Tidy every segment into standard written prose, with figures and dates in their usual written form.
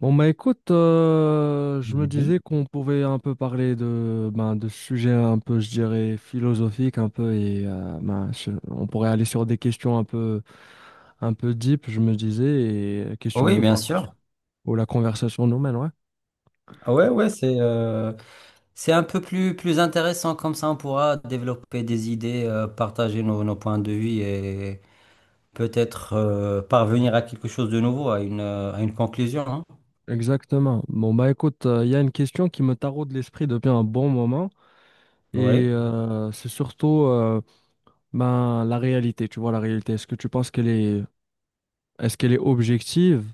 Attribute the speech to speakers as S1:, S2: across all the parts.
S1: Bon bah écoute, je me
S2: Mhm.
S1: disais qu'on pouvait un peu parler de de sujets un peu, je dirais, philosophiques un peu et on pourrait aller sur des questions un peu deep, je me disais, et question
S2: Oui,
S1: de
S2: bien
S1: voir
S2: sûr.
S1: où la conversation nous mène, ouais.
S2: Ah ouais, ouais, c'est un peu plus, plus intéressant comme ça. On pourra développer des idées, partager nos points de vue et peut-être parvenir à quelque chose de nouveau, à une conclusion, hein.
S1: Exactement. Bon bah écoute, il y a une question qui me taraude l'esprit depuis un bon moment et
S2: Oui,
S1: c'est surtout ben, la réalité, tu vois, la réalité, est-ce qu'elle est objective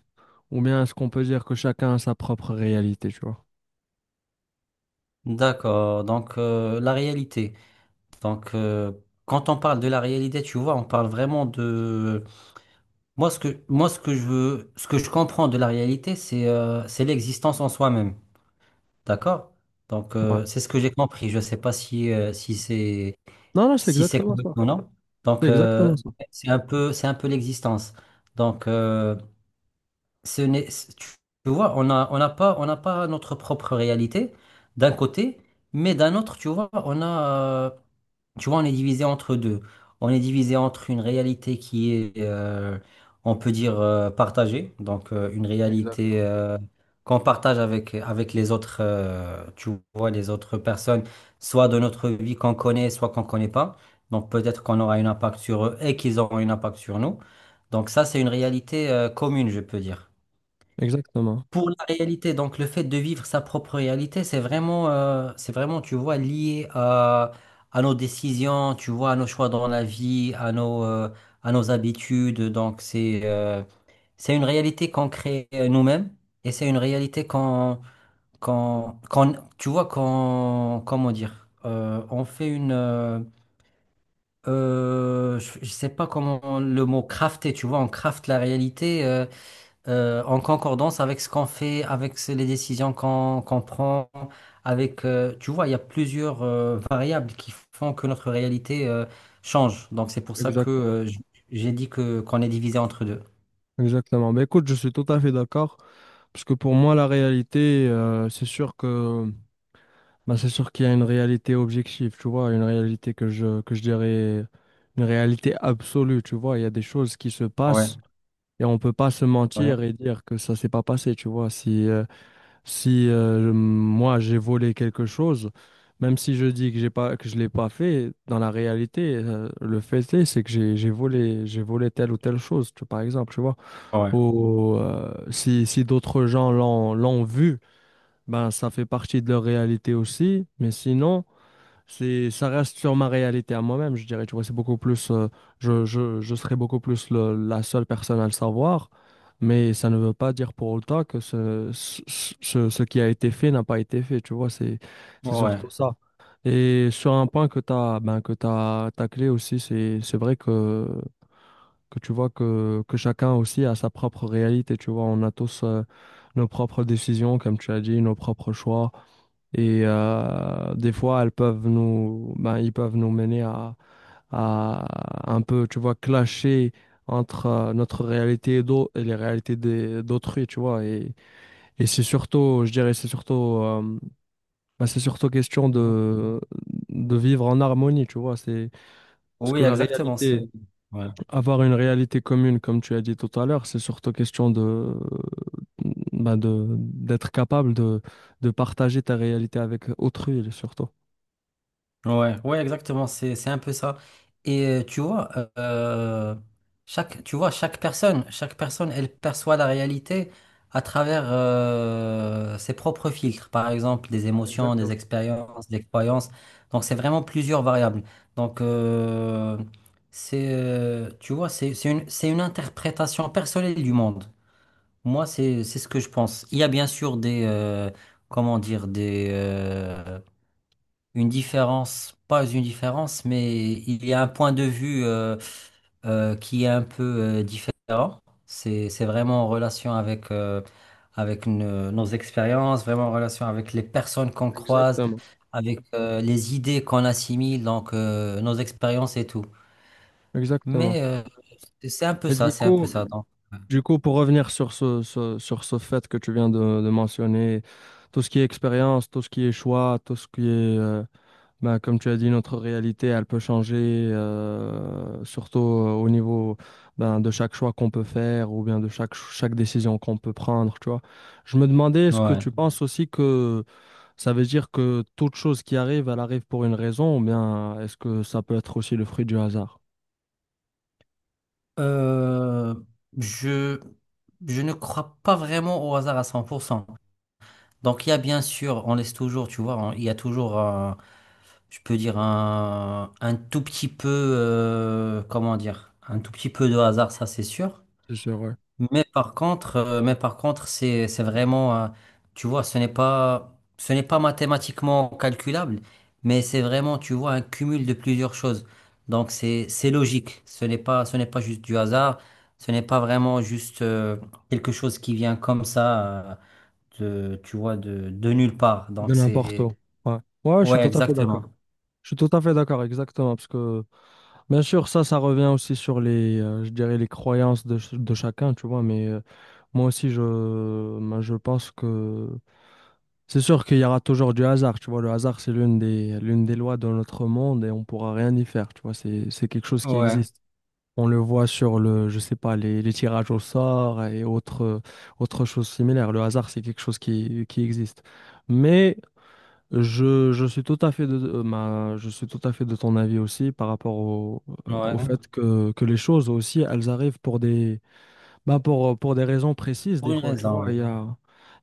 S1: ou bien est-ce qu'on peut dire que chacun a sa propre réalité, tu vois?
S2: d'accord. Donc, la réalité. Donc, quand on parle de la réalité, tu vois, on parle vraiment de. Moi, ce que je veux, ce que je comprends de la réalité, c'est l'existence en soi-même. D'accord? Donc,
S1: Ouais.
S2: c'est ce que j'ai compris. Je ne sais pas si, euh, si c'est
S1: Non, c'est
S2: si c'est
S1: exactement
S2: correct
S1: ça.
S2: ou non. Donc,
S1: C'est exactement ça.
S2: c'est un peu l'existence. Donc, ce n'est, c- tu vois, on n'a pas notre propre réalité d'un côté, mais d'un autre, tu vois, euh, tu vois, on est divisé entre deux. On est divisé entre une réalité qui est, on peut dire, partagée, donc une
S1: Exact.
S2: réalité qu'on partage avec les autres, tu vois, les autres personnes, soit de notre vie qu'on connaît, soit qu'on ne connaît pas. Donc peut-être qu'on aura un impact sur eux et qu'ils auront un impact sur nous. Donc ça, c'est une réalité commune, je peux dire.
S1: Exactement.
S2: Pour la réalité, donc le fait de vivre sa propre réalité, c'est vraiment, tu vois, lié à nos décisions, tu vois, à nos choix dans la vie, à nos habitudes. Donc c'est une réalité qu'on crée nous-mêmes, et c'est une réalité tu vois, comment dire, on fait une, je sais pas comment le mot crafter, tu vois, on crafte la réalité. En concordance avec ce qu'on fait, avec les décisions qu'on prend, avec, tu vois, il y a plusieurs variables qui font que notre réalité change. Donc c'est pour ça que
S1: Exact.
S2: j'ai dit que qu'on est divisé entre deux.
S1: Exactement. Ben, écoute, je suis tout à fait d'accord parce que pour moi, la réalité, c'est sûr que, ben, c'est sûr qu'il y a une réalité objective, tu vois, une réalité que je dirais, une réalité absolue, tu vois. Il y a des choses qui se
S2: Ouais,
S1: passent. Et on peut pas se
S2: ouais,
S1: mentir et dire que ça s'est pas passé, tu vois. Si moi j'ai volé quelque chose, même si je dis que je l'ai pas fait, dans la réalité, le fait est, c'est que j'ai volé telle ou telle chose, par exemple, tu vois.
S2: ouais,
S1: Ou si d'autres gens l'ont vu, ben ça fait partie de leur réalité aussi. Mais sinon. Ça reste sur ma réalité à moi-même, je dirais. Tu vois, c'est beaucoup plus, je serais beaucoup plus la seule personne à le savoir, mais ça ne veut pas dire pour autant que ce qui a été fait n'a pas été fait. Tu vois, c'est
S2: ouais.
S1: surtout ça. Et sur un point que que t'as taclé aussi, c'est vrai que tu vois que chacun aussi a sa propre réalité. Tu vois, on a tous, nos propres décisions, comme tu as dit, nos propres choix. Et des fois, elles peuvent nous, ben, ils peuvent nous mener à un peu, tu vois, clasher entre notre réalité et, et les réalités d'autrui, tu vois. Et c'est surtout, je dirais, euh, c'est surtout question
S2: Mhm.
S1: de vivre en harmonie, tu vois. Parce
S2: Oui,
S1: que la
S2: exactement, c'est
S1: réalité,
S2: ouais.
S1: avoir une réalité commune, comme tu as dit tout à l'heure, c'est surtout question de, d'être capable de partager ta réalité avec autrui, surtout.
S2: Ouais, ouais, exactement, c'est un peu ça. Et tu vois, euh, tu vois, chaque personne, elle perçoit la réalité à travers ses propres filtres, par exemple, des émotions, des
S1: Exactement,
S2: expériences, des croyances. Donc, c'est vraiment plusieurs variables. Donc, tu vois, c'est une interprétation personnelle du monde. Moi, c'est ce que je pense. Il y a bien sûr des, comment dire, une différence, pas une différence, mais il y a un point de vue qui est un peu différent. C'est vraiment en relation avec, avec nos expériences, vraiment en relation avec les personnes qu'on croise,
S1: exactement,
S2: avec les idées qu'on assimile, donc nos expériences et tout.
S1: exactement.
S2: Mais c'est un peu
S1: Et
S2: ça, c'est un peu ça, donc.
S1: du coup, pour revenir sur sur ce fait que tu viens de mentionner, tout ce qui est expérience, tout ce qui est choix, tout ce qui est, comme tu as dit, notre réalité, elle peut changer, surtout au niveau ben, de chaque choix qu'on peut faire ou bien de chaque décision qu'on peut prendre, tu vois. Je me demandais, est-ce que
S2: Ouais.
S1: tu penses aussi que ça veut dire que toute chose qui arrive, elle arrive pour une raison ou bien est-ce que ça peut être aussi le fruit du hasard?
S2: Euh, je, je ne crois pas vraiment au hasard à 100%. Donc il y a bien sûr, on laisse toujours, tu vois, il y a toujours un, je peux dire un tout petit peu, comment dire, un tout petit peu de hasard, ça c'est sûr.
S1: C'est sûr, ouais.
S2: Mais par contre, c'est vraiment, tu vois, ce n'est pas mathématiquement calculable, mais c'est vraiment, tu vois, un cumul de plusieurs choses. Donc c'est logique. Ce n'est pas juste du hasard. Ce n'est pas vraiment juste quelque chose qui vient comme ça. Tu vois, de nulle part.
S1: De
S2: Donc,
S1: n'importe
S2: c'est.
S1: où. Ouais. Ouais, je suis
S2: Ouais,
S1: tout à fait d'accord.
S2: exactement.
S1: Je suis tout à fait d'accord, exactement. Parce que, bien sûr, ça revient aussi sur les, je dirais, les croyances de, de chacun, tu vois. Mais moi aussi, je, ben, je pense que c'est sûr qu'il y aura toujours du hasard, tu vois. Le hasard, c'est l'une des lois de notre monde et on pourra rien y faire, tu vois. C'est quelque chose qui
S2: Ouais,
S1: existe. On le voit sur le, je sais pas, les tirages au sort et autres, autres choses similaires. Le hasard, c'est quelque chose qui existe. Mais je suis tout à fait je suis tout à fait de ton avis aussi par rapport au, au
S2: ouais.
S1: fait que les choses aussi, elles arrivent pour des, bah pour des raisons précises
S2: Pour
S1: des
S2: une
S1: fois, tu
S2: raison,
S1: vois.
S2: oui.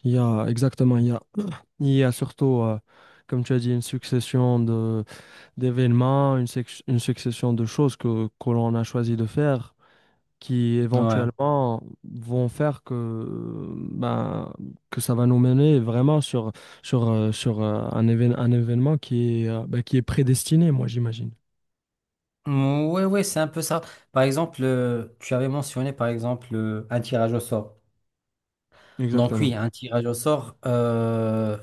S1: Il y a exactement, il y a, il y a surtout, comme tu as dit, une succession de, d'événements, une succession de choses que l'on a choisi de faire qui
S2: Ouais.
S1: éventuellement vont faire que, que ça va nous mener vraiment un événement qui est, qui est prédestiné, moi j'imagine.
S2: Mm, ouais, ouais, c'est un peu ça. Par exemple, tu avais mentionné, par exemple, un tirage au sort. Donc,
S1: Exactement.
S2: oui, un tirage au sort,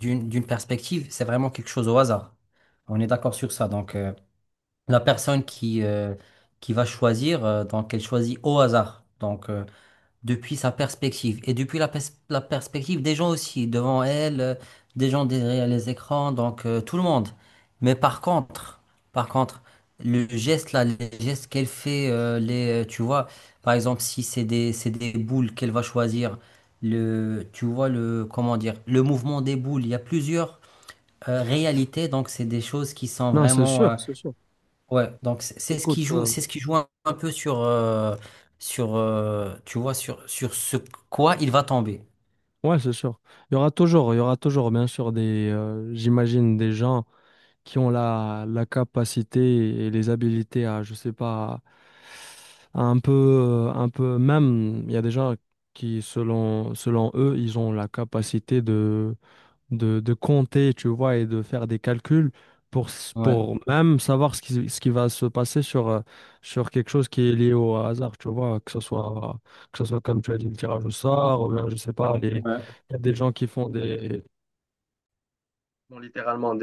S2: d'une perspective, c'est vraiment quelque chose au hasard. On est d'accord sur ça. Donc, la personne qui va choisir, donc, elle choisit au hasard. Donc, depuis sa perspective et depuis la perspective des gens aussi, devant elle, des gens derrière les écrans, donc tout le monde. Mais par contre, par contre, les gestes qu'elle fait, tu vois, par exemple, si c'est des boules qu'elle va choisir, tu vois, comment dire, le mouvement des boules, il y a plusieurs réalités, donc c'est des choses qui sont
S1: Non, c'est
S2: vraiment.
S1: sûr, c'est sûr.
S2: Ouais, donc c'est ce
S1: Écoute,
S2: qui joue, un peu sur, tu vois, sur ce quoi il va tomber.
S1: ouais, c'est sûr. Il y aura toujours, bien sûr, des, j'imagine, des gens qui ont la capacité et les habilités à, je sais pas, à un peu, même, il y a des gens qui, selon eux, ils ont la capacité de, de compter, tu vois, et de faire des calculs pour,
S2: Ouais,
S1: pour même savoir ce qui va se passer sur, sur quelque chose qui est lié au hasard, tu vois, que ce soit comme tu as dit, le tirage au sort, ou bien, je sais pas, il y a des gens qui font des, littéralement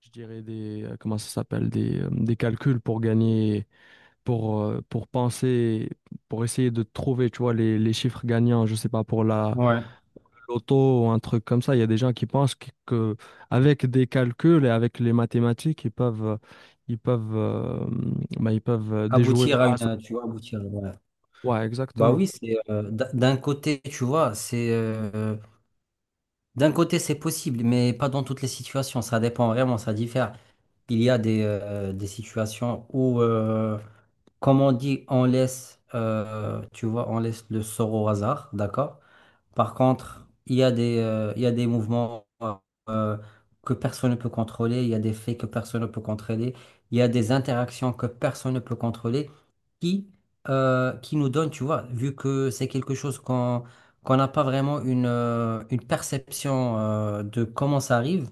S1: je dirais des, comment ça s'appelle, des calculs pour gagner, pour penser, pour essayer de trouver, tu vois, les chiffres gagnants, je sais pas, pour la
S2: ouais.
S1: loto ou un truc comme ça. Il y a des gens qui pensent que avec des calculs et avec les mathématiques, ils peuvent, euh, ils peuvent déjouer le hasard.
S2: Tu vois, aboutir. Ouais.
S1: Ouais,
S2: Bah
S1: exactement.
S2: oui, d'un côté, tu vois, c'est d'un côté c'est possible, mais pas dans toutes les situations. Ça dépend vraiment, ça diffère. Il y a des situations où, comme on dit, tu vois, on laisse le sort au hasard, d'accord? Par contre, il y a des mouvements euh, que personne ne peut contrôler, il y a des faits que personne ne peut contrôler, il y a des interactions que personne ne peut contrôler qui, qui nous donnent, tu vois, vu que c'est quelque chose qu'on n'a pas vraiment une perception de comment ça arrive.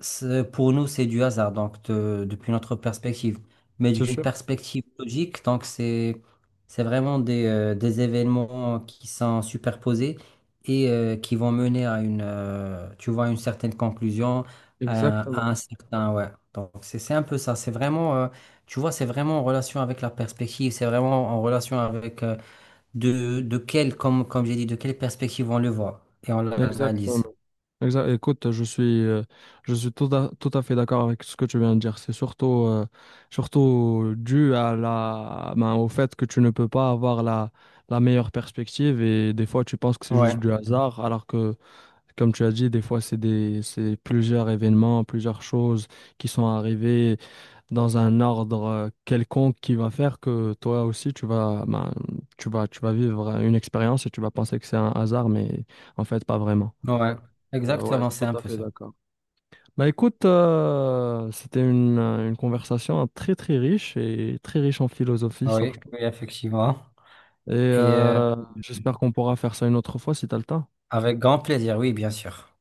S2: Pour nous, c'est du hasard, donc depuis notre perspective. Mais
S1: C'est
S2: d'une
S1: sûr.
S2: perspective logique, donc c'est vraiment des événements qui sont superposés et qui vont mener à une, tu vois, une certaine conclusion, à
S1: Exactement.
S2: un certain, ouais. Donc c'est un peu ça. C'est vraiment, tu vois, c'est vraiment en relation avec la perspective. C'est vraiment en relation avec comme j'ai dit, de quelle perspective on le voit et on
S1: Exactement.
S2: l'analyse.
S1: Écoute, je suis tout à, tout à fait d'accord avec ce que tu viens de dire. C'est surtout, surtout dû à la, ben, au fait que tu ne peux pas avoir la meilleure perspective et des fois tu penses que c'est
S2: Ouais,
S1: juste du hasard, alors que, comme tu as dit, des fois c'est des, c'est plusieurs événements, plusieurs choses qui sont arrivées dans un ordre quelconque qui va faire que toi aussi tu vas vivre une expérience et tu vas penser que c'est un hasard, mais en fait pas vraiment.
S2: ouais,
S1: Ouais,
S2: exactement, c'est
S1: tout
S2: un
S1: à
S2: peu
S1: fait
S2: ça.
S1: d'accord. Bah écoute, une conversation hein, très très riche et très riche en philosophie, ça, je
S2: Oui,
S1: trouve.
S2: oui, effectivement.
S1: Et
S2: Et
S1: j'espère qu'on pourra faire ça une autre fois si t'as le temps.
S2: avec grand plaisir, oui, bien sûr.